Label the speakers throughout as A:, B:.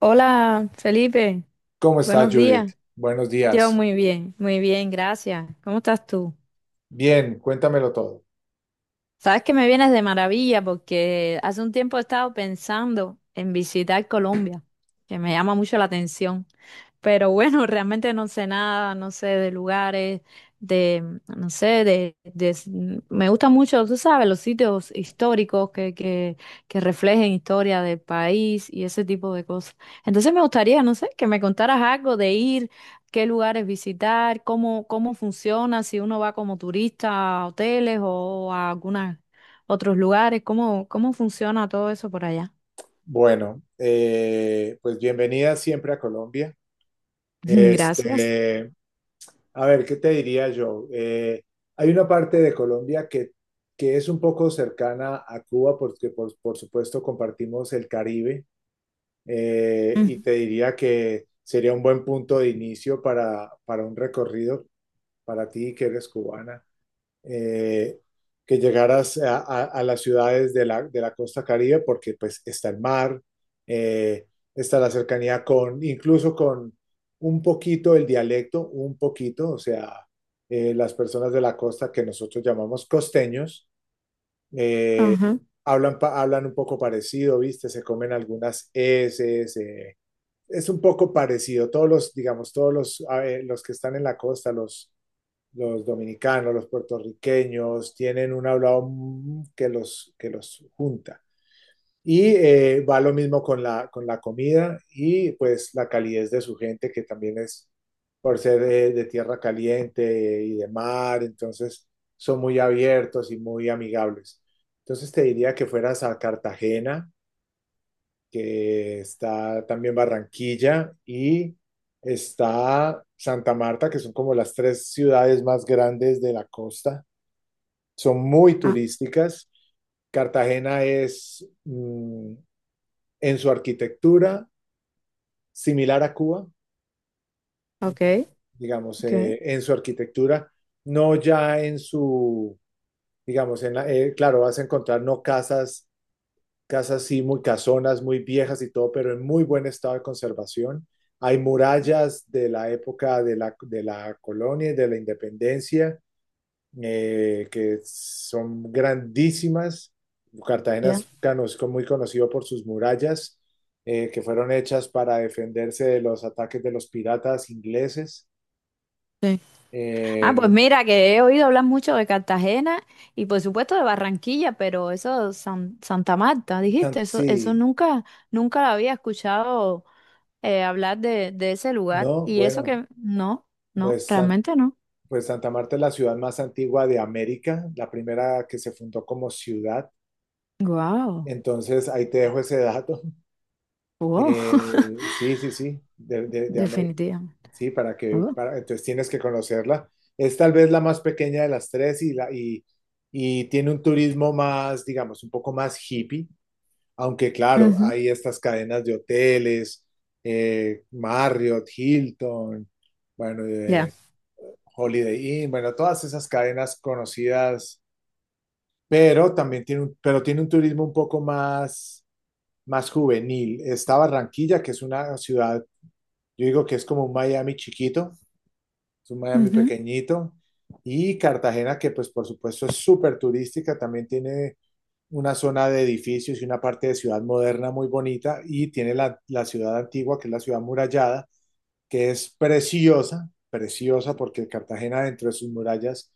A: Hola, Felipe.
B: ¿Cómo estás,
A: Buenos
B: Judith?
A: días.
B: Buenos
A: Yo
B: días.
A: muy bien, gracias. ¿Cómo estás tú?
B: Bien, cuéntamelo todo.
A: Sabes que me vienes de maravilla porque hace un tiempo he estado pensando en visitar Colombia, que me llama mucho la atención. Pero bueno, realmente no sé nada, no sé de lugares, de, no sé, me gusta mucho, tú sabes, los sitios históricos que reflejen historia del país y ese tipo de cosas. Entonces me gustaría, no sé, que me contaras algo de ir qué lugares visitar, cómo, cómo funciona, si uno va como turista a hoteles o a algunos otros lugares, cómo, cómo funciona todo eso por allá.
B: Bueno, pues bienvenida siempre a Colombia.
A: Gracias.
B: Este, a ver, ¿qué te diría yo? Hay una parte de Colombia que es un poco cercana a Cuba porque por supuesto compartimos el Caribe,
A: Ujú.
B: y te diría que sería un buen punto de inicio para un recorrido para ti que eres cubana. eh, que llegaras a las ciudades de la costa Caribe, porque pues está el mar, eh, está la cercanía con, incluso con un poquito el dialecto, un poquito, o sea, las personas de la costa que nosotros llamamos costeños, eh,
A: Ajá.
B: hablan un poco parecido, ¿viste? Se comen algunas eses, es un poco parecido. Todos los, digamos, todos los, a ver, los que están en la costa, los dominicanos, los puertorriqueños, tienen un hablado que los junta. Y va lo mismo con la comida y pues la calidez de su gente, que también es por ser de tierra caliente y de mar, entonces son muy abiertos y muy amigables. Entonces te diría que fueras a Cartagena, que está también Barranquilla y está Santa Marta, que son como las tres ciudades más grandes de la costa. Son muy
A: Ah,
B: turísticas. Cartagena es, en su arquitectura similar a Cuba,
A: ok,
B: digamos,
A: ok,
B: en su arquitectura, no ya en su, digamos, claro, vas a encontrar no casas casas sí muy casonas, muy viejas y todo, pero en muy buen estado de conservación. Hay murallas de la época de la colonia y de la independencia, que son grandísimas. Cartagena
A: ya.
B: es muy conocido por sus murallas, que fueron hechas para defenderse de los ataques de los piratas ingleses.
A: Sí. Ah, pues
B: Eh,
A: mira, que he oído hablar mucho de Cartagena y por supuesto de Barranquilla, pero eso, Santa Marta, dijiste, eso
B: Sí,
A: nunca, nunca había escuchado hablar de ese lugar.
B: no,
A: Y eso
B: bueno,
A: que, no, no,
B: pues San-
A: realmente no.
B: Pues Santa Marta es la ciudad más antigua de América, la primera que se fundó como ciudad.
A: Wow.
B: Entonces, ahí te dejo ese dato.
A: Wow,
B: Sí, sí, sí, de, de, de América.
A: definitivamente.
B: Sí, para que,
A: Oh,
B: para, entonces tienes que conocerla. Es tal vez la más pequeña de las tres y tiene un turismo más, digamos, un poco más hippie, aunque claro,
A: ujú.
B: hay estas cadenas de hoteles, Marriott, Hilton, bueno,
A: Ya.
B: Holiday Inn, bueno, todas esas cadenas conocidas, pero también tiene un, pero tiene un turismo un poco más juvenil. Está Barranquilla, que es una ciudad, yo digo que es como un Miami chiquito, es un Miami
A: Ujú,
B: pequeñito, y Cartagena, que pues por supuesto es súper turística, también tiene una zona de edificios y una parte de ciudad moderna muy bonita, y tiene la, la ciudad antigua, que es la ciudad murallada, que es preciosa, preciosa porque Cartagena dentro de sus murallas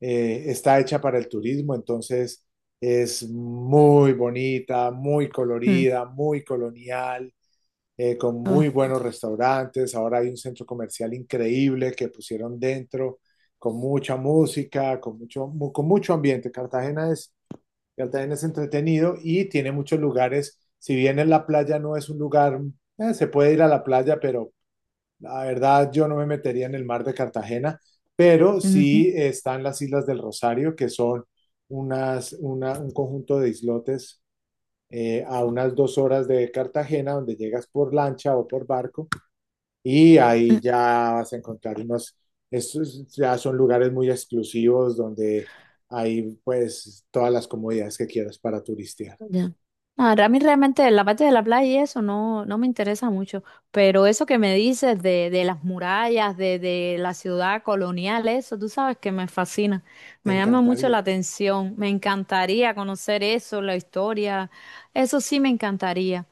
B: está hecha para el turismo, entonces es muy bonita, muy
A: mm,
B: colorida, muy colonial, con
A: oh,
B: muy buenos restaurantes. Ahora hay un centro comercial increíble que pusieron dentro, con mucha música, con mucho ambiente. Cartagena es entretenido y tiene muchos lugares. Si bien en la playa no es un lugar, se puede ir a la playa, pero la verdad, yo no me metería en el mar de Cartagena, pero
A: ujú,
B: sí están las Islas del Rosario, que son un conjunto de islotes, a unas 2 horas de Cartagena, donde llegas por lancha o por barco, y
A: mm.
B: ahí ya vas a encontrar unos, estos ya son lugares muy exclusivos donde hay pues todas las comodidades que quieras para turistear.
A: Ya. Ahora, a mí realmente la parte de la playa y eso no, no me interesa mucho, pero eso que me dices de las murallas, de la ciudad colonial, eso, tú sabes que me fascina,
B: Te
A: me llama mucho la
B: encantaría.
A: atención, me encantaría conocer eso, la historia, eso sí me encantaría.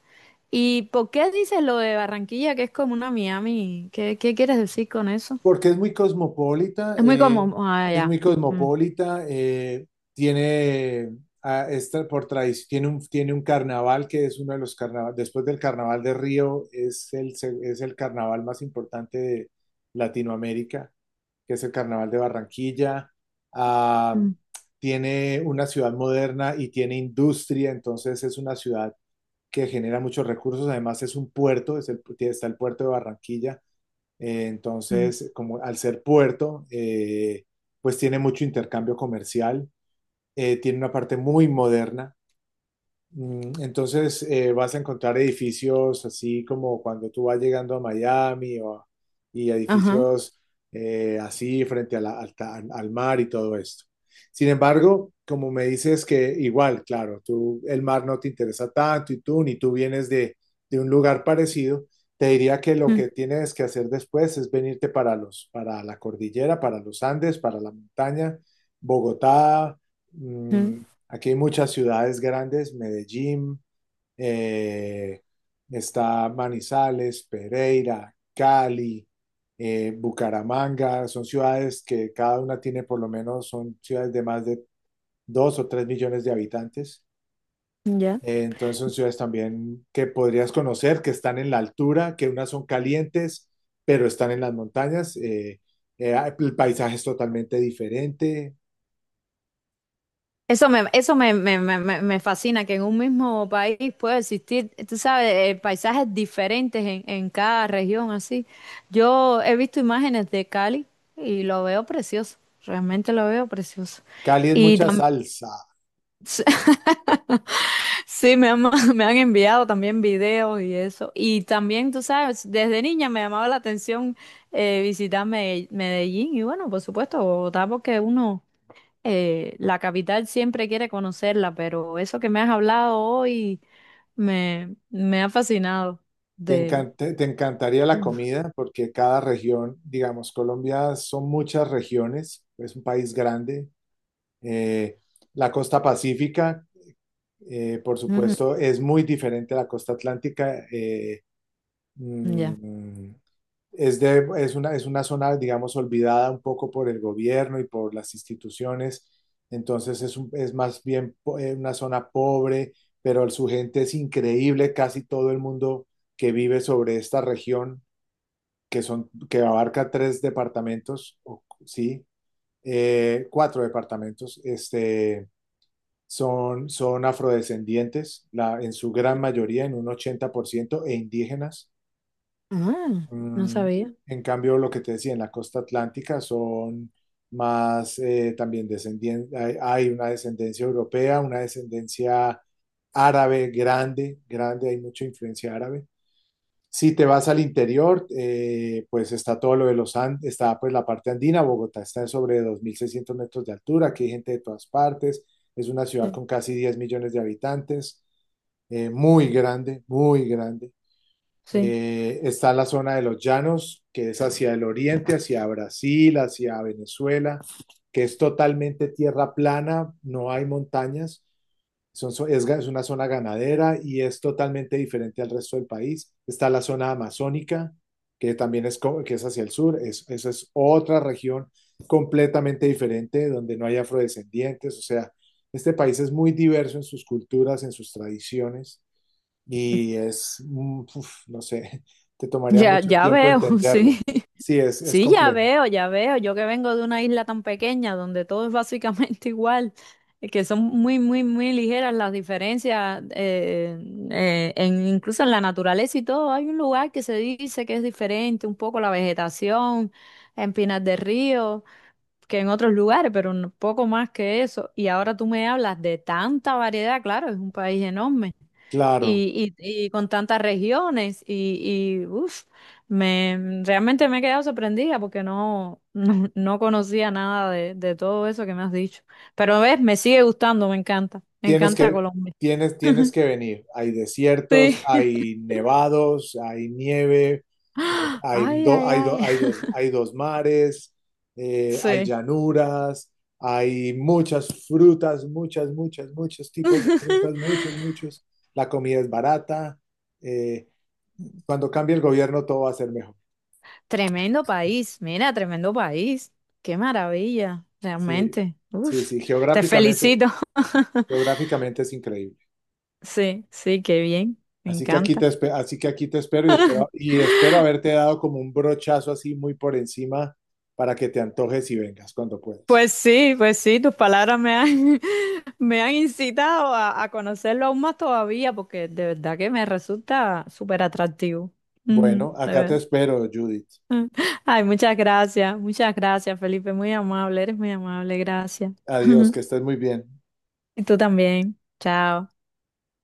A: ¿Y por qué dices lo de Barranquilla, que es como una Miami? ¿Qué, qué quieres decir con eso?
B: Porque es muy cosmopolita,
A: Es muy
B: eh,
A: común. Ah,
B: es muy
A: ya. Mm,
B: cosmopolita, tiene, ah, es tra- por tradición, tiene un carnaval que es uno de los carnavales, después del carnaval de Río, es el carnaval más importante de Latinoamérica, que es el carnaval de Barranquilla. Ah,
A: mm,
B: tiene una ciudad moderna y tiene industria, entonces es una ciudad que genera muchos recursos, además es un puerto, es el, está el puerto de Barranquilla,
A: mm.
B: entonces, como al ser puerto, pues tiene mucho intercambio comercial, tiene una parte muy moderna. Entonces vas a encontrar edificios así como cuando tú vas llegando a Miami o y
A: Ajá.
B: edificios, así frente a al mar y todo esto. Sin embargo, como me dices que igual, claro, tú el mar no te interesa tanto y tú ni tú vienes de un lugar parecido, te diría que lo
A: Mm,
B: que tienes que hacer después es venirte para la cordillera, para los Andes, para la montaña, Bogotá.
A: mm.
B: mm, Aquí hay muchas ciudades grandes, Medellín, eh, está Manizales, Pereira, Cali, Bucaramanga, son ciudades que cada una tiene por lo menos, son ciudades de más de 2 o 3 millones de habitantes.
A: Ya.
B: Entonces son ciudades también que podrías conocer, que están en la altura, que unas son calientes, pero están en las montañas. El paisaje es totalmente diferente.
A: Eso me fascina, que en un mismo país puede existir, tú sabes, paisajes diferentes en cada región, así. Yo he visto imágenes de Cali y lo veo precioso, realmente lo veo precioso.
B: Cali es
A: Y
B: mucha
A: también,
B: salsa.
A: sí, me han, me han enviado también videos y eso. Y también, tú sabes, desde niña me llamaba la atención visitar Medellín y bueno, por supuesto, Bogotá, porque uno, la capital siempre quiere conocerla, pero eso que me has hablado hoy me, me ha fascinado
B: Te
A: de...
B: te encantaría la comida porque cada región, digamos, Colombia son muchas regiones, es un país grande. Eh, la costa pacífica, por supuesto,
A: Ujú.
B: es muy diferente a la costa atlántica.
A: Ya.
B: Mm, es una zona, digamos, olvidada un poco por el gobierno y por las instituciones. Entonces es más bien una zona pobre, pero su gente es increíble. Casi todo el mundo que vive sobre esta región que son, que abarca tres departamentos, sí, cuatro departamentos, este, son, son afrodescendientes, la, en su gran mayoría, en un 80% e indígenas.
A: Ah, no
B: Mm,
A: sabía.
B: en cambio, lo que te decía, en la costa atlántica son más, también descendientes, hay una descendencia europea, una descendencia árabe grande, grande, hay mucha influencia árabe. Si te vas al interior, pues está todo lo de los Andes, está pues la parte andina, Bogotá está sobre 2.600 metros de altura, aquí hay gente de todas partes, es una ciudad
A: Sí.
B: con casi 10 millones de habitantes, muy grande, muy grande.
A: Sí.
B: Está la zona de los llanos, que es hacia el oriente, hacia Brasil, hacia Venezuela, que es totalmente tierra plana, no hay montañas. Es una zona ganadera y es totalmente diferente al resto del país. Está la zona amazónica, que también que es hacia el sur. Es, esa es otra región completamente diferente, donde no hay afrodescendientes. O sea, este país es muy diverso en sus culturas, en sus tradiciones y es, uf, no sé, te tomaría
A: Ya,
B: mucho
A: ya
B: tiempo
A: veo, sí.
B: entenderlo. Sí, es
A: Sí, ya
B: complejo.
A: veo, ya veo. Yo que vengo de una isla tan pequeña donde todo es básicamente igual, que son muy, muy, muy ligeras las diferencias, en, incluso en la naturaleza y todo. Hay un lugar que se dice que es diferente, un poco la vegetación en Pinar del Río que en otros lugares, pero un poco más que eso. Y ahora tú me hablas de tanta variedad, claro, es un país enorme
B: Claro,
A: y con tantas regiones y uf, me, realmente me he quedado sorprendida porque no, no, no conocía nada de, de todo eso que me has dicho. Pero ves, me sigue gustando, me
B: tienes
A: encanta
B: que,
A: Colombia.
B: tienes que venir. Hay
A: Sí.
B: desiertos, hay nevados, hay nieve, hay,
A: Ay,
B: do-
A: ay,
B: hay,
A: ay.
B: do- hay dos mares, hay
A: Sí.
B: llanuras, hay muchas frutas, muchas, muchas, muchos tipos de frutas, muchos, muchos. La comida es barata. eh, cuando cambie el gobierno, todo va a ser mejor.
A: Tremendo país, mira, tremendo país. Qué maravilla,
B: Sí,
A: realmente.
B: sí,
A: Uf,
B: sí,
A: te
B: geográficamente,
A: felicito.
B: geográficamente es increíble.
A: Sí, sí, qué bien, me
B: Así que aquí
A: encanta.
B: así que aquí te espero y espero y espero haberte dado como un brochazo así muy por encima para que te antojes y vengas cuando puedas.
A: Pues sí, tus palabras me han, me han incitado a conocerlo aún más todavía, porque de verdad que me resulta súper atractivo. Ujú,
B: Bueno,
A: de
B: acá te
A: verdad.
B: espero, Judith.
A: Ah, ay, muchas gracias, Felipe, muy amable, eres muy amable, gracias.
B: Adiós, que estés muy bien.
A: Y tú también, chao.